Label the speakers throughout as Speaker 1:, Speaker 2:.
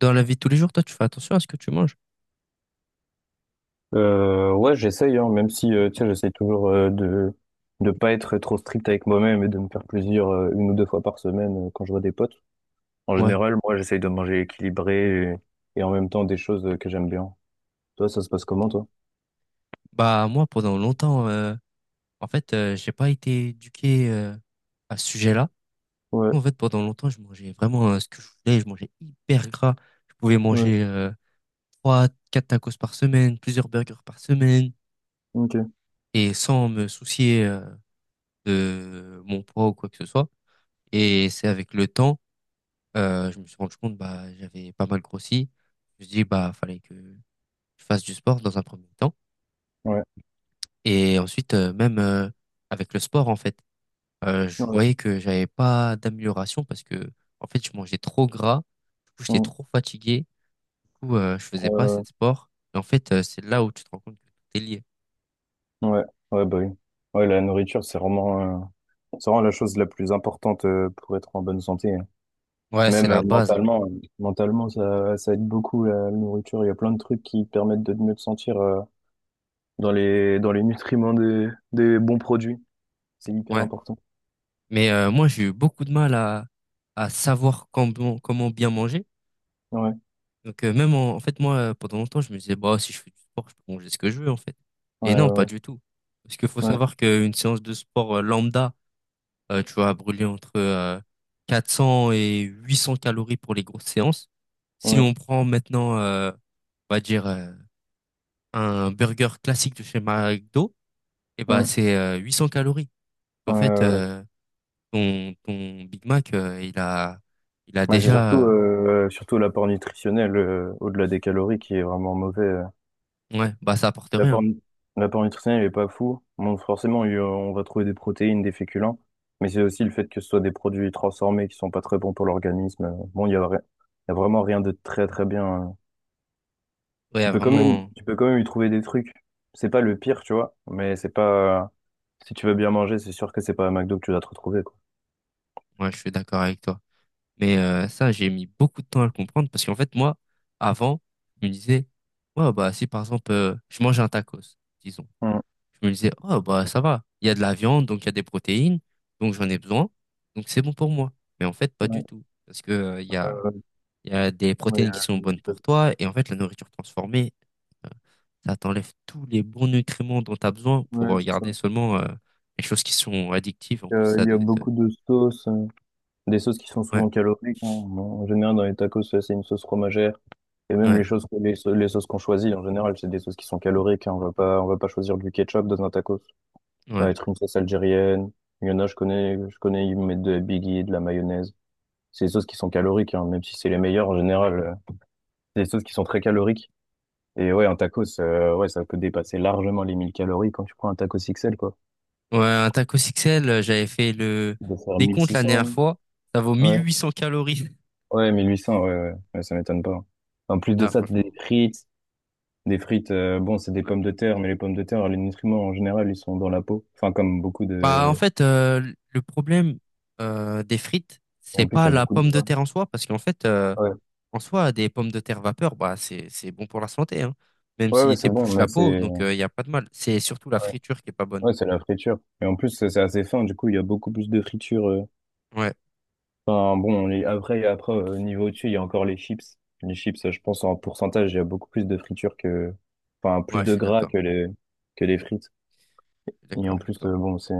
Speaker 1: Dans la vie de tous les jours, toi, tu fais attention à ce que tu manges?
Speaker 2: Ouais, j'essaye, hein, même si tu sais, j'essaie toujours de pas être trop strict avec moi-même et de me faire plaisir une ou deux fois par semaine quand je vois des potes. En
Speaker 1: Ouais,
Speaker 2: général, moi, j'essaye de manger équilibré et en même temps des choses que j'aime bien. Toi, ça se passe
Speaker 1: ok.
Speaker 2: comment, toi?
Speaker 1: Bah, moi, pendant longtemps, euh, en fait, j'ai pas été éduqué à ce sujet-là.
Speaker 2: Ouais,
Speaker 1: En fait, pendant longtemps, je mangeais vraiment ce que je voulais. Je mangeais hyper gras. Je pouvais
Speaker 2: ouais,
Speaker 1: manger 3, 4 tacos par semaine, plusieurs burgers par semaine,
Speaker 2: ok,
Speaker 1: et sans me soucier de mon poids ou quoi que ce soit. Et c'est avec le temps, je me suis rendu compte, bah, j'avais pas mal grossi. Je me suis dit, bah, fallait que je fasse du sport dans un premier temps.
Speaker 2: ouais,
Speaker 1: Et ensuite, même avec le sport, en fait, je
Speaker 2: ouais,
Speaker 1: voyais que j'avais pas d'amélioration parce que, en fait, je mangeais trop gras. Du coup, j'étais
Speaker 2: mm,
Speaker 1: trop fatigué. Du coup, je faisais pas assez
Speaker 2: euh,
Speaker 1: de sport. Et en fait, c'est là où tu te rends compte que tout est lié.
Speaker 2: ouais, ouais, bah oui. Ouais, la nourriture, c'est vraiment la chose la plus importante pour être en bonne santé, hein.
Speaker 1: Ouais, c'est
Speaker 2: Même
Speaker 1: la base, hein.
Speaker 2: mentalement, ça, ça aide beaucoup la nourriture. Il y a plein de trucs qui permettent de mieux te sentir dans les nutriments des bons produits. C'est hyper
Speaker 1: Ouais.
Speaker 2: important.
Speaker 1: Mais moi, j'ai eu beaucoup de mal à savoir comment, comment bien manger.
Speaker 2: Ouais,
Speaker 1: Donc, même en fait, moi, pendant longtemps, je me disais, bah, si je fais du sport, je peux manger ce que je veux, en fait. Et
Speaker 2: ouais,
Speaker 1: non, pas
Speaker 2: ouais,
Speaker 1: du tout. Parce qu'il faut
Speaker 2: ouais,
Speaker 1: savoir qu'une séance de sport lambda, tu vas brûler entre 400 et 800 calories pour les grosses séances. Si
Speaker 2: ouais.
Speaker 1: on prend maintenant, on va dire, un burger classique de chez McDo, eh ben
Speaker 2: Mm.
Speaker 1: c'est 800 calories.
Speaker 2: Ouais,
Speaker 1: En fait,
Speaker 2: ouais, ouais.
Speaker 1: ton Big Mac, il a
Speaker 2: Ouais, c'est
Speaker 1: déjà...
Speaker 2: surtout, surtout l'apport nutritionnel, au-delà des calories, qui est vraiment mauvais.
Speaker 1: Ouais, bah ça apporte
Speaker 2: L'apport,
Speaker 1: rien.
Speaker 2: nu- l'apport nutritionnel n'est pas fou. Bon, forcément, on va trouver des protéines, des féculents, mais c'est aussi le fait que ce soit des produits transformés qui sont pas très bons pour l'organisme. Bon, il y a vraiment rien de très très bien.
Speaker 1: Ouais, y
Speaker 2: Tu
Speaker 1: a
Speaker 2: peux quand même,
Speaker 1: vraiment...
Speaker 2: tu peux quand même y trouver des trucs. C'est pas le pire, tu vois, mais c'est pas. Si tu veux bien manger, c'est sûr que c'est pas à McDo que tu vas te retrouver, quoi.
Speaker 1: Ouais, je suis d'accord avec toi. Mais ça, j'ai mis beaucoup de temps à le comprendre parce qu'en fait, moi, avant, je me disais, ouais, bah si par exemple, je mange un tacos, disons.
Speaker 2: Mm.
Speaker 1: Je me disais, oh, bah, ça va. Il y a de la viande, donc il y a des protéines, donc j'en ai besoin, donc c'est bon pour moi. Mais en fait, pas
Speaker 2: Ouais,
Speaker 1: du tout. Parce que,
Speaker 2: euh,
Speaker 1: il y a des
Speaker 2: ouais,
Speaker 1: protéines qui sont bonnes
Speaker 2: euh,
Speaker 1: pour toi, et en fait, la nourriture transformée, euh, ça t'enlève tous les bons nutriments dont tu as besoin
Speaker 2: ouais,
Speaker 1: pour
Speaker 2: c'est ça.
Speaker 1: garder seulement, les choses qui sont addictives. En plus, ça
Speaker 2: Il y a
Speaker 1: doit être,
Speaker 2: beaucoup de sauces, des sauces qui sont
Speaker 1: ouais,
Speaker 2: souvent caloriques, hein. Bon, en général, dans les tacos, c'est une sauce fromagère. Et même
Speaker 1: ouais,
Speaker 2: les choses, les sauces qu'on choisit, en général, c'est des sauces qui sont caloriques, hein. On va pas choisir du ketchup dans un tacos. Ça va
Speaker 1: ouais.
Speaker 2: être une sauce algérienne. Il y en a, je connais, ils mettent de la biggie, de la mayonnaise. C'est des sauces qui sont caloriques, hein, même si c'est les meilleures en général. C'est des sauces qui sont très caloriques. Et ouais, un tacos, ouais, ça peut dépasser largement les 1000 calories quand tu prends un tacos XL, quoi.
Speaker 1: Ouais, un taco XL, j'avais fait le
Speaker 2: De faire
Speaker 1: décompte la dernière
Speaker 2: 1600.
Speaker 1: fois, ça vaut
Speaker 2: Ouais.
Speaker 1: 1800 calories.
Speaker 2: Ouais, 1800, ouais, ouais, ouais, ça m'étonne pas. En plus de
Speaker 1: Ah,
Speaker 2: ça, t'as des
Speaker 1: franchement.
Speaker 2: frites, bon, c'est des
Speaker 1: Ouais.
Speaker 2: pommes de terre, mais les pommes de terre, les nutriments en général, ils sont dans la peau. Enfin, comme beaucoup
Speaker 1: Bah, en
Speaker 2: de...
Speaker 1: fait, le problème des frites,
Speaker 2: Et
Speaker 1: c'est
Speaker 2: en plus, il y
Speaker 1: pas
Speaker 2: a
Speaker 1: la
Speaker 2: beaucoup de
Speaker 1: pomme de
Speaker 2: gras.
Speaker 1: terre en soi, parce qu'en fait,
Speaker 2: Ouais,
Speaker 1: en soi, des pommes de terre vapeur, bah, c'est bon pour la santé, hein, même
Speaker 2: ouais, ouais,
Speaker 1: s'il
Speaker 2: c'est bon,
Speaker 1: t'épluche la
Speaker 2: mais
Speaker 1: peau,
Speaker 2: c'est...
Speaker 1: donc il n'y a pas de mal. C'est surtout la
Speaker 2: Ouais,
Speaker 1: friture qui est pas bonne.
Speaker 2: ouais, c'est la friture. Et en plus, c'est assez fin, du coup, il y a beaucoup plus de friture.
Speaker 1: Ouais,
Speaker 2: Enfin, bon, après, au niveau dessus, il y a encore les chips. Les chips, je pense, en pourcentage, il y a beaucoup plus de friture que... Enfin, plus
Speaker 1: ouais, je
Speaker 2: de
Speaker 1: suis
Speaker 2: gras
Speaker 1: d'accord.
Speaker 2: que les frites.
Speaker 1: Je suis
Speaker 2: Et
Speaker 1: d'accord
Speaker 2: en
Speaker 1: avec
Speaker 2: plus,
Speaker 1: toi.
Speaker 2: bon, c'est...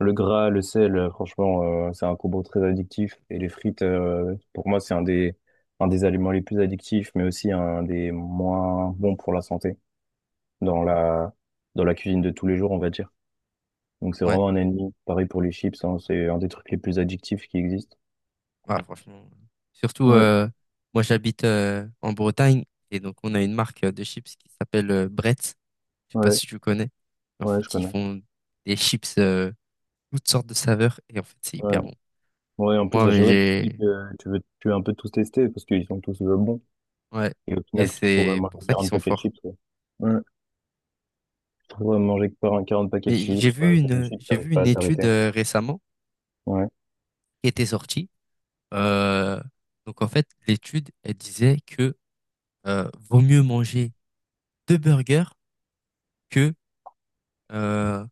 Speaker 2: Le gras, le sel, franchement, c'est un combo très addictif. Et les frites, pour moi, c'est un des aliments les plus addictifs, mais aussi un des moins bons pour la santé dans la cuisine de tous les jours, on va dire. Donc, c'est
Speaker 1: Ouais,
Speaker 2: vraiment un ennemi. Pareil pour les chips, hein, c'est un des trucs les plus addictifs qui existent.
Speaker 1: ouais, franchement. Surtout,
Speaker 2: Ouais,
Speaker 1: moi, j'habite en Bretagne, et donc on a une marque de chips qui s'appelle Bretz. Je sais pas
Speaker 2: ouais,
Speaker 1: si tu connais. En
Speaker 2: ouais, je
Speaker 1: fait, ils
Speaker 2: connais.
Speaker 1: font des chips, toutes sortes de saveurs, et en fait, c'est
Speaker 2: Ouais.
Speaker 1: hyper bon.
Speaker 2: Ouais, en plus,
Speaker 1: Moi,
Speaker 2: à
Speaker 1: mais
Speaker 2: chaque fois, tu te dis que
Speaker 1: j'ai
Speaker 2: tu veux un peu tous tester parce qu'ils sont tous bons.
Speaker 1: ouais,
Speaker 2: Et au
Speaker 1: et
Speaker 2: final, tu te retrouves à
Speaker 1: c'est pour
Speaker 2: manger
Speaker 1: ça qu'ils
Speaker 2: 40
Speaker 1: sont
Speaker 2: paquets de
Speaker 1: forts.
Speaker 2: chips, quoi. Ouais. Tu te retrouves à manger 40 paquets de
Speaker 1: Mais
Speaker 2: chips, 40 chips,
Speaker 1: j'ai
Speaker 2: t'arrives
Speaker 1: vu
Speaker 2: pas
Speaker 1: une
Speaker 2: à
Speaker 1: étude
Speaker 2: t'arrêter.
Speaker 1: récemment
Speaker 2: Ouais.
Speaker 1: qui était sortie. Euh, donc en fait, l'étude elle disait que vaut mieux manger deux burgers que euh,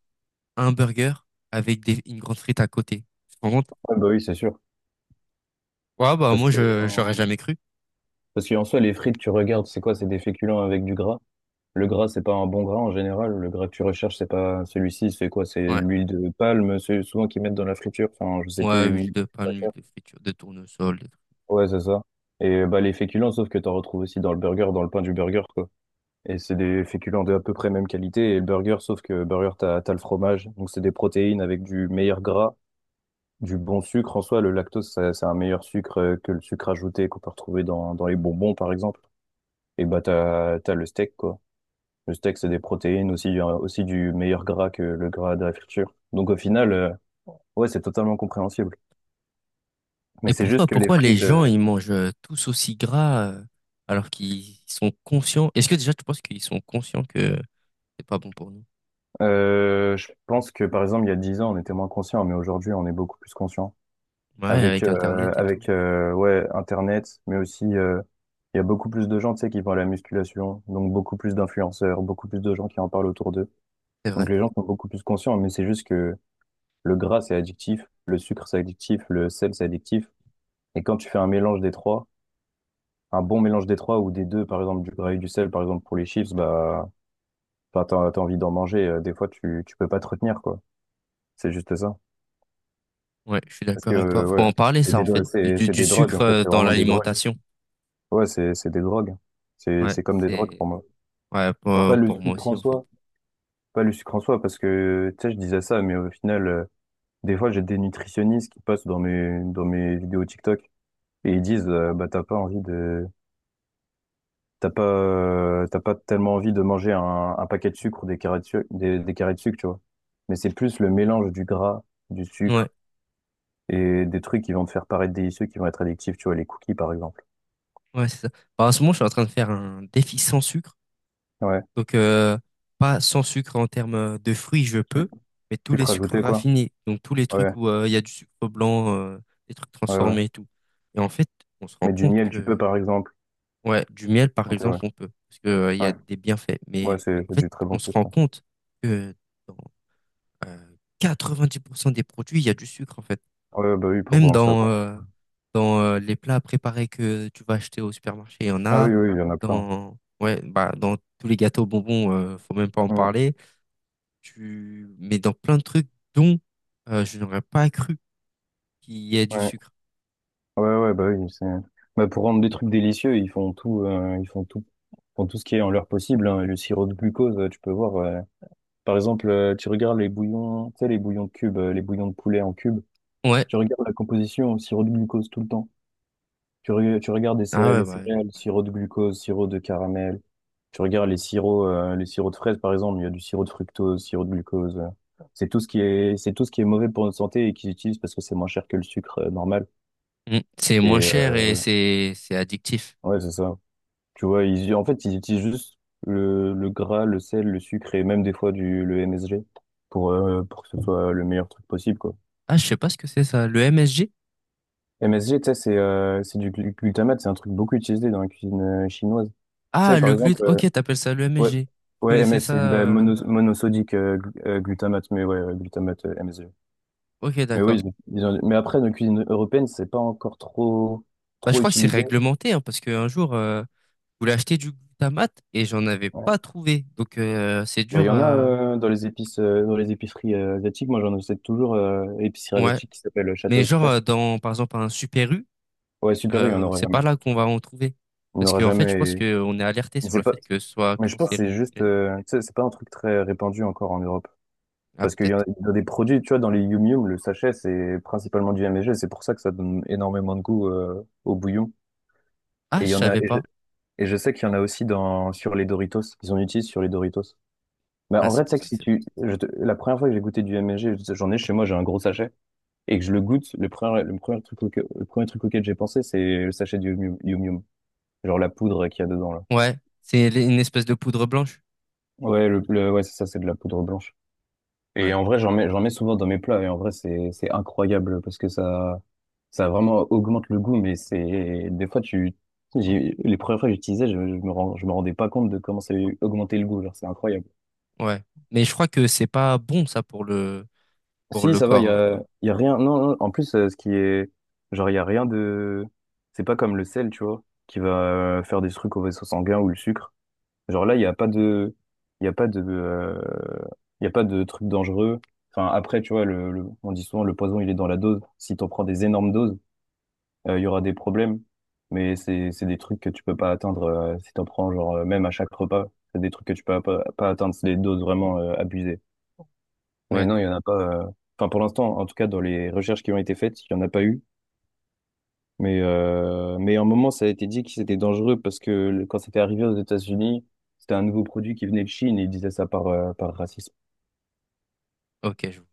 Speaker 1: un burger avec une grande frite à côté. Tu te rends compte?
Speaker 2: Ah bah oui, c'est sûr.
Speaker 1: Ouais, bah
Speaker 2: Parce
Speaker 1: moi
Speaker 2: que,
Speaker 1: je j'aurais
Speaker 2: en-
Speaker 1: jamais cru.
Speaker 2: parce qu'en soi, les frites, tu regardes, c'est quoi? C'est des féculents avec du gras. Le gras, c'est pas un bon gras en général. Le gras que tu recherches, c'est pas celui-ci. C'est quoi? C'est de
Speaker 1: Ouais,
Speaker 2: l'huile de palme, c'est souvent qu'ils mettent dans la friture. Enfin, je sais
Speaker 1: ouais
Speaker 2: plus, une
Speaker 1: huile
Speaker 2: huile
Speaker 1: de
Speaker 2: pas
Speaker 1: palme, huile
Speaker 2: chère.
Speaker 1: de friture, de tournesol,
Speaker 2: Ouais, c'est ça. Et bah, les féculents, sauf que t'en retrouves aussi dans le burger, dans le pain du burger, quoi. Et c'est des féculents de à peu près même qualité. Et le burger, sauf que burger, t'as le fromage. Donc, c'est des protéines avec du meilleur gras. Du bon sucre, en soi, le lactose, c'est un meilleur sucre que le sucre ajouté qu'on peut retrouver dans les bonbons, par exemple. Et bah, t'as le steak, quoi. Le steak, c'est des protéines, aussi, aussi du meilleur gras que le gras de la friture. Donc, au final, ouais, c'est totalement compréhensible. Mais
Speaker 1: et
Speaker 2: c'est
Speaker 1: pour
Speaker 2: juste
Speaker 1: toi,
Speaker 2: que les
Speaker 1: pourquoi les
Speaker 2: frites,
Speaker 1: gens, ils mangent tous aussi gras alors qu'ils sont conscients? Est-ce que déjà tu penses qu'ils sont conscients que c'est pas bon pour nous?
Speaker 2: je pense que, par exemple, il y a 10 ans, on était moins conscient mais aujourd'hui, on est beaucoup plus conscient.
Speaker 1: Ouais,
Speaker 2: Avec,
Speaker 1: avec
Speaker 2: euh,
Speaker 1: Internet et tout.
Speaker 2: avec euh, ouais, Internet, mais aussi, il y a beaucoup plus de gens, tu sais, qui font à la musculation, donc beaucoup plus d'influenceurs, beaucoup plus de gens qui en parlent autour d'eux.
Speaker 1: C'est vrai.
Speaker 2: Donc les gens sont beaucoup plus conscients, mais c'est juste que le gras, c'est addictif, le sucre, c'est addictif, le sel, c'est addictif. Et quand tu fais un mélange des trois, un bon mélange des trois ou des deux, par exemple du gras et du sel, par exemple pour les chips, bah, enfin, t'as envie d'en manger. Des fois, tu peux pas te retenir, quoi. C'est juste ça.
Speaker 1: Ouais, je suis
Speaker 2: Parce que,
Speaker 1: d'accord avec toi. Faut
Speaker 2: ouais,
Speaker 1: en parler, ça, en fait.
Speaker 2: c'est, c'est
Speaker 1: Du
Speaker 2: des drogues, en
Speaker 1: sucre
Speaker 2: fait, c'est
Speaker 1: dans
Speaker 2: vraiment des drogues.
Speaker 1: l'alimentation.
Speaker 2: Ouais, c'est des drogues. C'est,
Speaker 1: Ouais,
Speaker 2: c'est comme des drogues
Speaker 1: c'est...
Speaker 2: pour moi.
Speaker 1: Ouais,
Speaker 2: Enfin, pas le
Speaker 1: pour moi
Speaker 2: sucre
Speaker 1: aussi,
Speaker 2: en
Speaker 1: en fait.
Speaker 2: soi, pas le sucre en soi, parce que, tu sais, je disais ça, mais au final, des fois, j'ai des nutritionnistes qui passent dans mes vidéos TikTok et ils disent, bah, t'as pas tellement envie de manger un paquet de sucre ou des carrés de sucre, des carrés de sucre, tu vois. Mais c'est plus le mélange du gras, du
Speaker 1: Ouais,
Speaker 2: sucre et des trucs qui vont te faire paraître délicieux, qui vont être addictifs, tu vois, les cookies, par exemple.
Speaker 1: ouais, c'est ça. Bah, en ce moment, je suis en train de faire un défi sans sucre.
Speaker 2: Ouais.
Speaker 1: Donc, pas sans sucre en termes de fruits, je
Speaker 2: Su-
Speaker 1: peux, mais tous les
Speaker 2: Sucre
Speaker 1: sucres
Speaker 2: rajouté, quoi.
Speaker 1: raffinés, donc tous les
Speaker 2: Ouais,
Speaker 1: trucs où il y a du sucre blanc, des trucs
Speaker 2: ouais, ouais.
Speaker 1: transformés et tout. Et en fait, on se rend
Speaker 2: Mais du
Speaker 1: compte
Speaker 2: miel, tu peux,
Speaker 1: que,
Speaker 2: par exemple.
Speaker 1: ouais, du miel, par
Speaker 2: Ok,
Speaker 1: exemple,
Speaker 2: ouais.
Speaker 1: on peut, parce que, il y a
Speaker 2: Ouais.
Speaker 1: des bienfaits.
Speaker 2: Ouais,
Speaker 1: Mais
Speaker 2: c'est
Speaker 1: en
Speaker 2: c'est
Speaker 1: fait,
Speaker 2: du très bon
Speaker 1: on se rend
Speaker 2: sucre.
Speaker 1: compte que dans euh, 90% des produits, il y a du sucre, en fait.
Speaker 2: Ouais, bah oui, pour
Speaker 1: Même
Speaker 2: rendre ça.
Speaker 1: dans,
Speaker 2: bon.
Speaker 1: dans les plats préparés que tu vas acheter au supermarché, il y en
Speaker 2: Ah
Speaker 1: a.
Speaker 2: oui, oui, il y en a plein.
Speaker 1: Dans, ouais, bah, dans tous les gâteaux bonbons, faut même pas en
Speaker 2: Mm.
Speaker 1: parler, tu mets dans plein de trucs dont je n'aurais pas cru qu'il y ait du
Speaker 2: Ouais.
Speaker 1: sucre.
Speaker 2: Ouais, ouais, bah oui, c'est... Bah, pour rendre des trucs délicieux, font tout ce qui est en leur possible, hein. Le sirop de glucose, tu peux voir. Par exemple, tu regardes les bouillons, tu sais, les bouillons de cubes, les bouillons de poulet en cubes.
Speaker 1: Ouais.
Speaker 2: Tu regardes la composition, au sirop de glucose tout le temps. Tu regardes les
Speaker 1: Ah
Speaker 2: céréales,
Speaker 1: ouais, bah.
Speaker 2: sirop de glucose, sirop de caramel. Tu regardes les sirops de fraises, par exemple, il y a du sirop de fructose, sirop de glucose. C'est tout ce qui est, c'est tout ce qui est mauvais pour notre santé et qu'ils utilisent parce que c'est moins cher que le sucre, normal.
Speaker 1: Mm. C'est moins
Speaker 2: Et
Speaker 1: cher et c'est addictif.
Speaker 2: ouais, c'est ça. Tu vois, ils, en fait, ils utilisent juste le gras, le sel, le sucre et même des fois le MSG pour que ce soit le meilleur truc possible, quoi.
Speaker 1: Ah, je sais pas ce que c'est ça. Le MSG?
Speaker 2: MSG, tu sais, c'est du glutamate, c'est un truc beaucoup utilisé dans la cuisine chinoise. Tu sais,
Speaker 1: Ah,
Speaker 2: par
Speaker 1: le
Speaker 2: exemple,
Speaker 1: gluten. Ok, t'appelles ça le
Speaker 2: ouais,
Speaker 1: MSG. Je
Speaker 2: ouais,
Speaker 1: connaissais
Speaker 2: MS,
Speaker 1: ça.
Speaker 2: c'est bah, monosodique glutamate, mais ouais, glutamate MSG.
Speaker 1: Ok,
Speaker 2: Mais oui,
Speaker 1: d'accord.
Speaker 2: mais après, dans la cuisine européenne, c'est pas encore trop,
Speaker 1: Bah, je
Speaker 2: trop
Speaker 1: crois que c'est
Speaker 2: utilisé.
Speaker 1: réglementé, hein, parce qu'un jour, je voulais acheter du glutamate et j'en avais pas trouvé. Donc, c'est
Speaker 2: Bah, il y
Speaker 1: dur
Speaker 2: en a
Speaker 1: à...
Speaker 2: dans les épices, dans les épiceries asiatiques. Moi, j'en achète toujours épicerie
Speaker 1: Ouais.
Speaker 2: asiatique qui s'appelle Château
Speaker 1: Mais genre,
Speaker 2: Express.
Speaker 1: dans, par exemple, un Super U,
Speaker 2: Ouais, Super U, il n'y en aura
Speaker 1: c'est
Speaker 2: jamais.
Speaker 1: pas là qu'on va en trouver.
Speaker 2: Il n'y en
Speaker 1: Parce
Speaker 2: aura
Speaker 1: que, en fait, je
Speaker 2: jamais.
Speaker 1: pense qu'on est alerté
Speaker 2: Mais
Speaker 1: sur le
Speaker 2: c'est pas.
Speaker 1: fait que ce soit
Speaker 2: Mais je pense que c'est juste.
Speaker 1: cancérigène.
Speaker 2: euh, tu sais, c'est pas un truc très répandu encore en Europe.
Speaker 1: Ah,
Speaker 2: Parce qu'il y en
Speaker 1: peut-être.
Speaker 2: a, il y a des produits, tu vois, dans les Yum Yum, le sachet, c'est principalement du MSG. C'est pour ça que ça donne énormément de goût au bouillon.
Speaker 1: Ah,
Speaker 2: Et
Speaker 1: je
Speaker 2: il y en a.
Speaker 1: savais
Speaker 2: Et je,
Speaker 1: pas.
Speaker 2: et je sais qu'il y en a aussi dans sur les Doritos. Ils en utilisent sur les Doritos. Bah,
Speaker 1: Ah,
Speaker 2: en
Speaker 1: c'est
Speaker 2: vrai, tu
Speaker 1: pour
Speaker 2: sais que
Speaker 1: ça que
Speaker 2: si
Speaker 1: c'est bon.
Speaker 2: tu. Je te- la première fois que j'ai goûté du MSG, j'en ai chez moi, j'ai un gros sachet. Et que je le goûte, le premier truc, auquel j'ai pensé, c'est le sachet du Yum Yum, Yum, genre la poudre qu'il y a dedans là.
Speaker 1: Ouais, c'est l- une espèce de poudre blanche.
Speaker 2: Ouais, ouais, c'est ça, c'est de la poudre blanche. Et
Speaker 1: Ouais,
Speaker 2: en vrai, j'en mets souvent dans mes plats et en vrai, c'est incroyable parce que ça vraiment augmente le goût. Mais c'est, des fois, les premières fois que j'utilisais, je me rendais pas compte de comment ça augmentait le goût. Genre, c'est incroyable.
Speaker 1: ouais. Mais je crois que c'est pas bon, ça, pour
Speaker 2: Si,
Speaker 1: le
Speaker 2: ça va, il
Speaker 1: corps.
Speaker 2: y
Speaker 1: Hein.
Speaker 2: a, y a rien. Non, non, en plus, ce qui est. Genre, il y a rien de. C'est pas comme le sel, tu vois, qui va faire des trucs au vaisseau sanguin ou le sucre. Genre là, il n'y a pas de. Il y a pas de. euh, Il y a pas de trucs dangereux. Enfin, après, tu vois, on dit souvent le poison, il est dans la dose. Si t'en prends des énormes doses, il y aura des problèmes. Mais c'est des trucs que tu peux pas atteindre si t'en prends, genre, même à chaque repas. C'est des trucs que tu peux pas atteindre, c'est des doses vraiment abusées. Mais
Speaker 1: Ouais,
Speaker 2: non, il n'y en a pas. euh, Enfin, pour l'instant, en tout cas, dans les recherches qui ont été faites, il n'y en a pas eu. Mais à un moment, ça a été dit que c'était dangereux parce que quand c'était arrivé aux États-Unis, c'était un nouveau produit qui venait de Chine et ils disaient ça par racisme.
Speaker 1: ok, je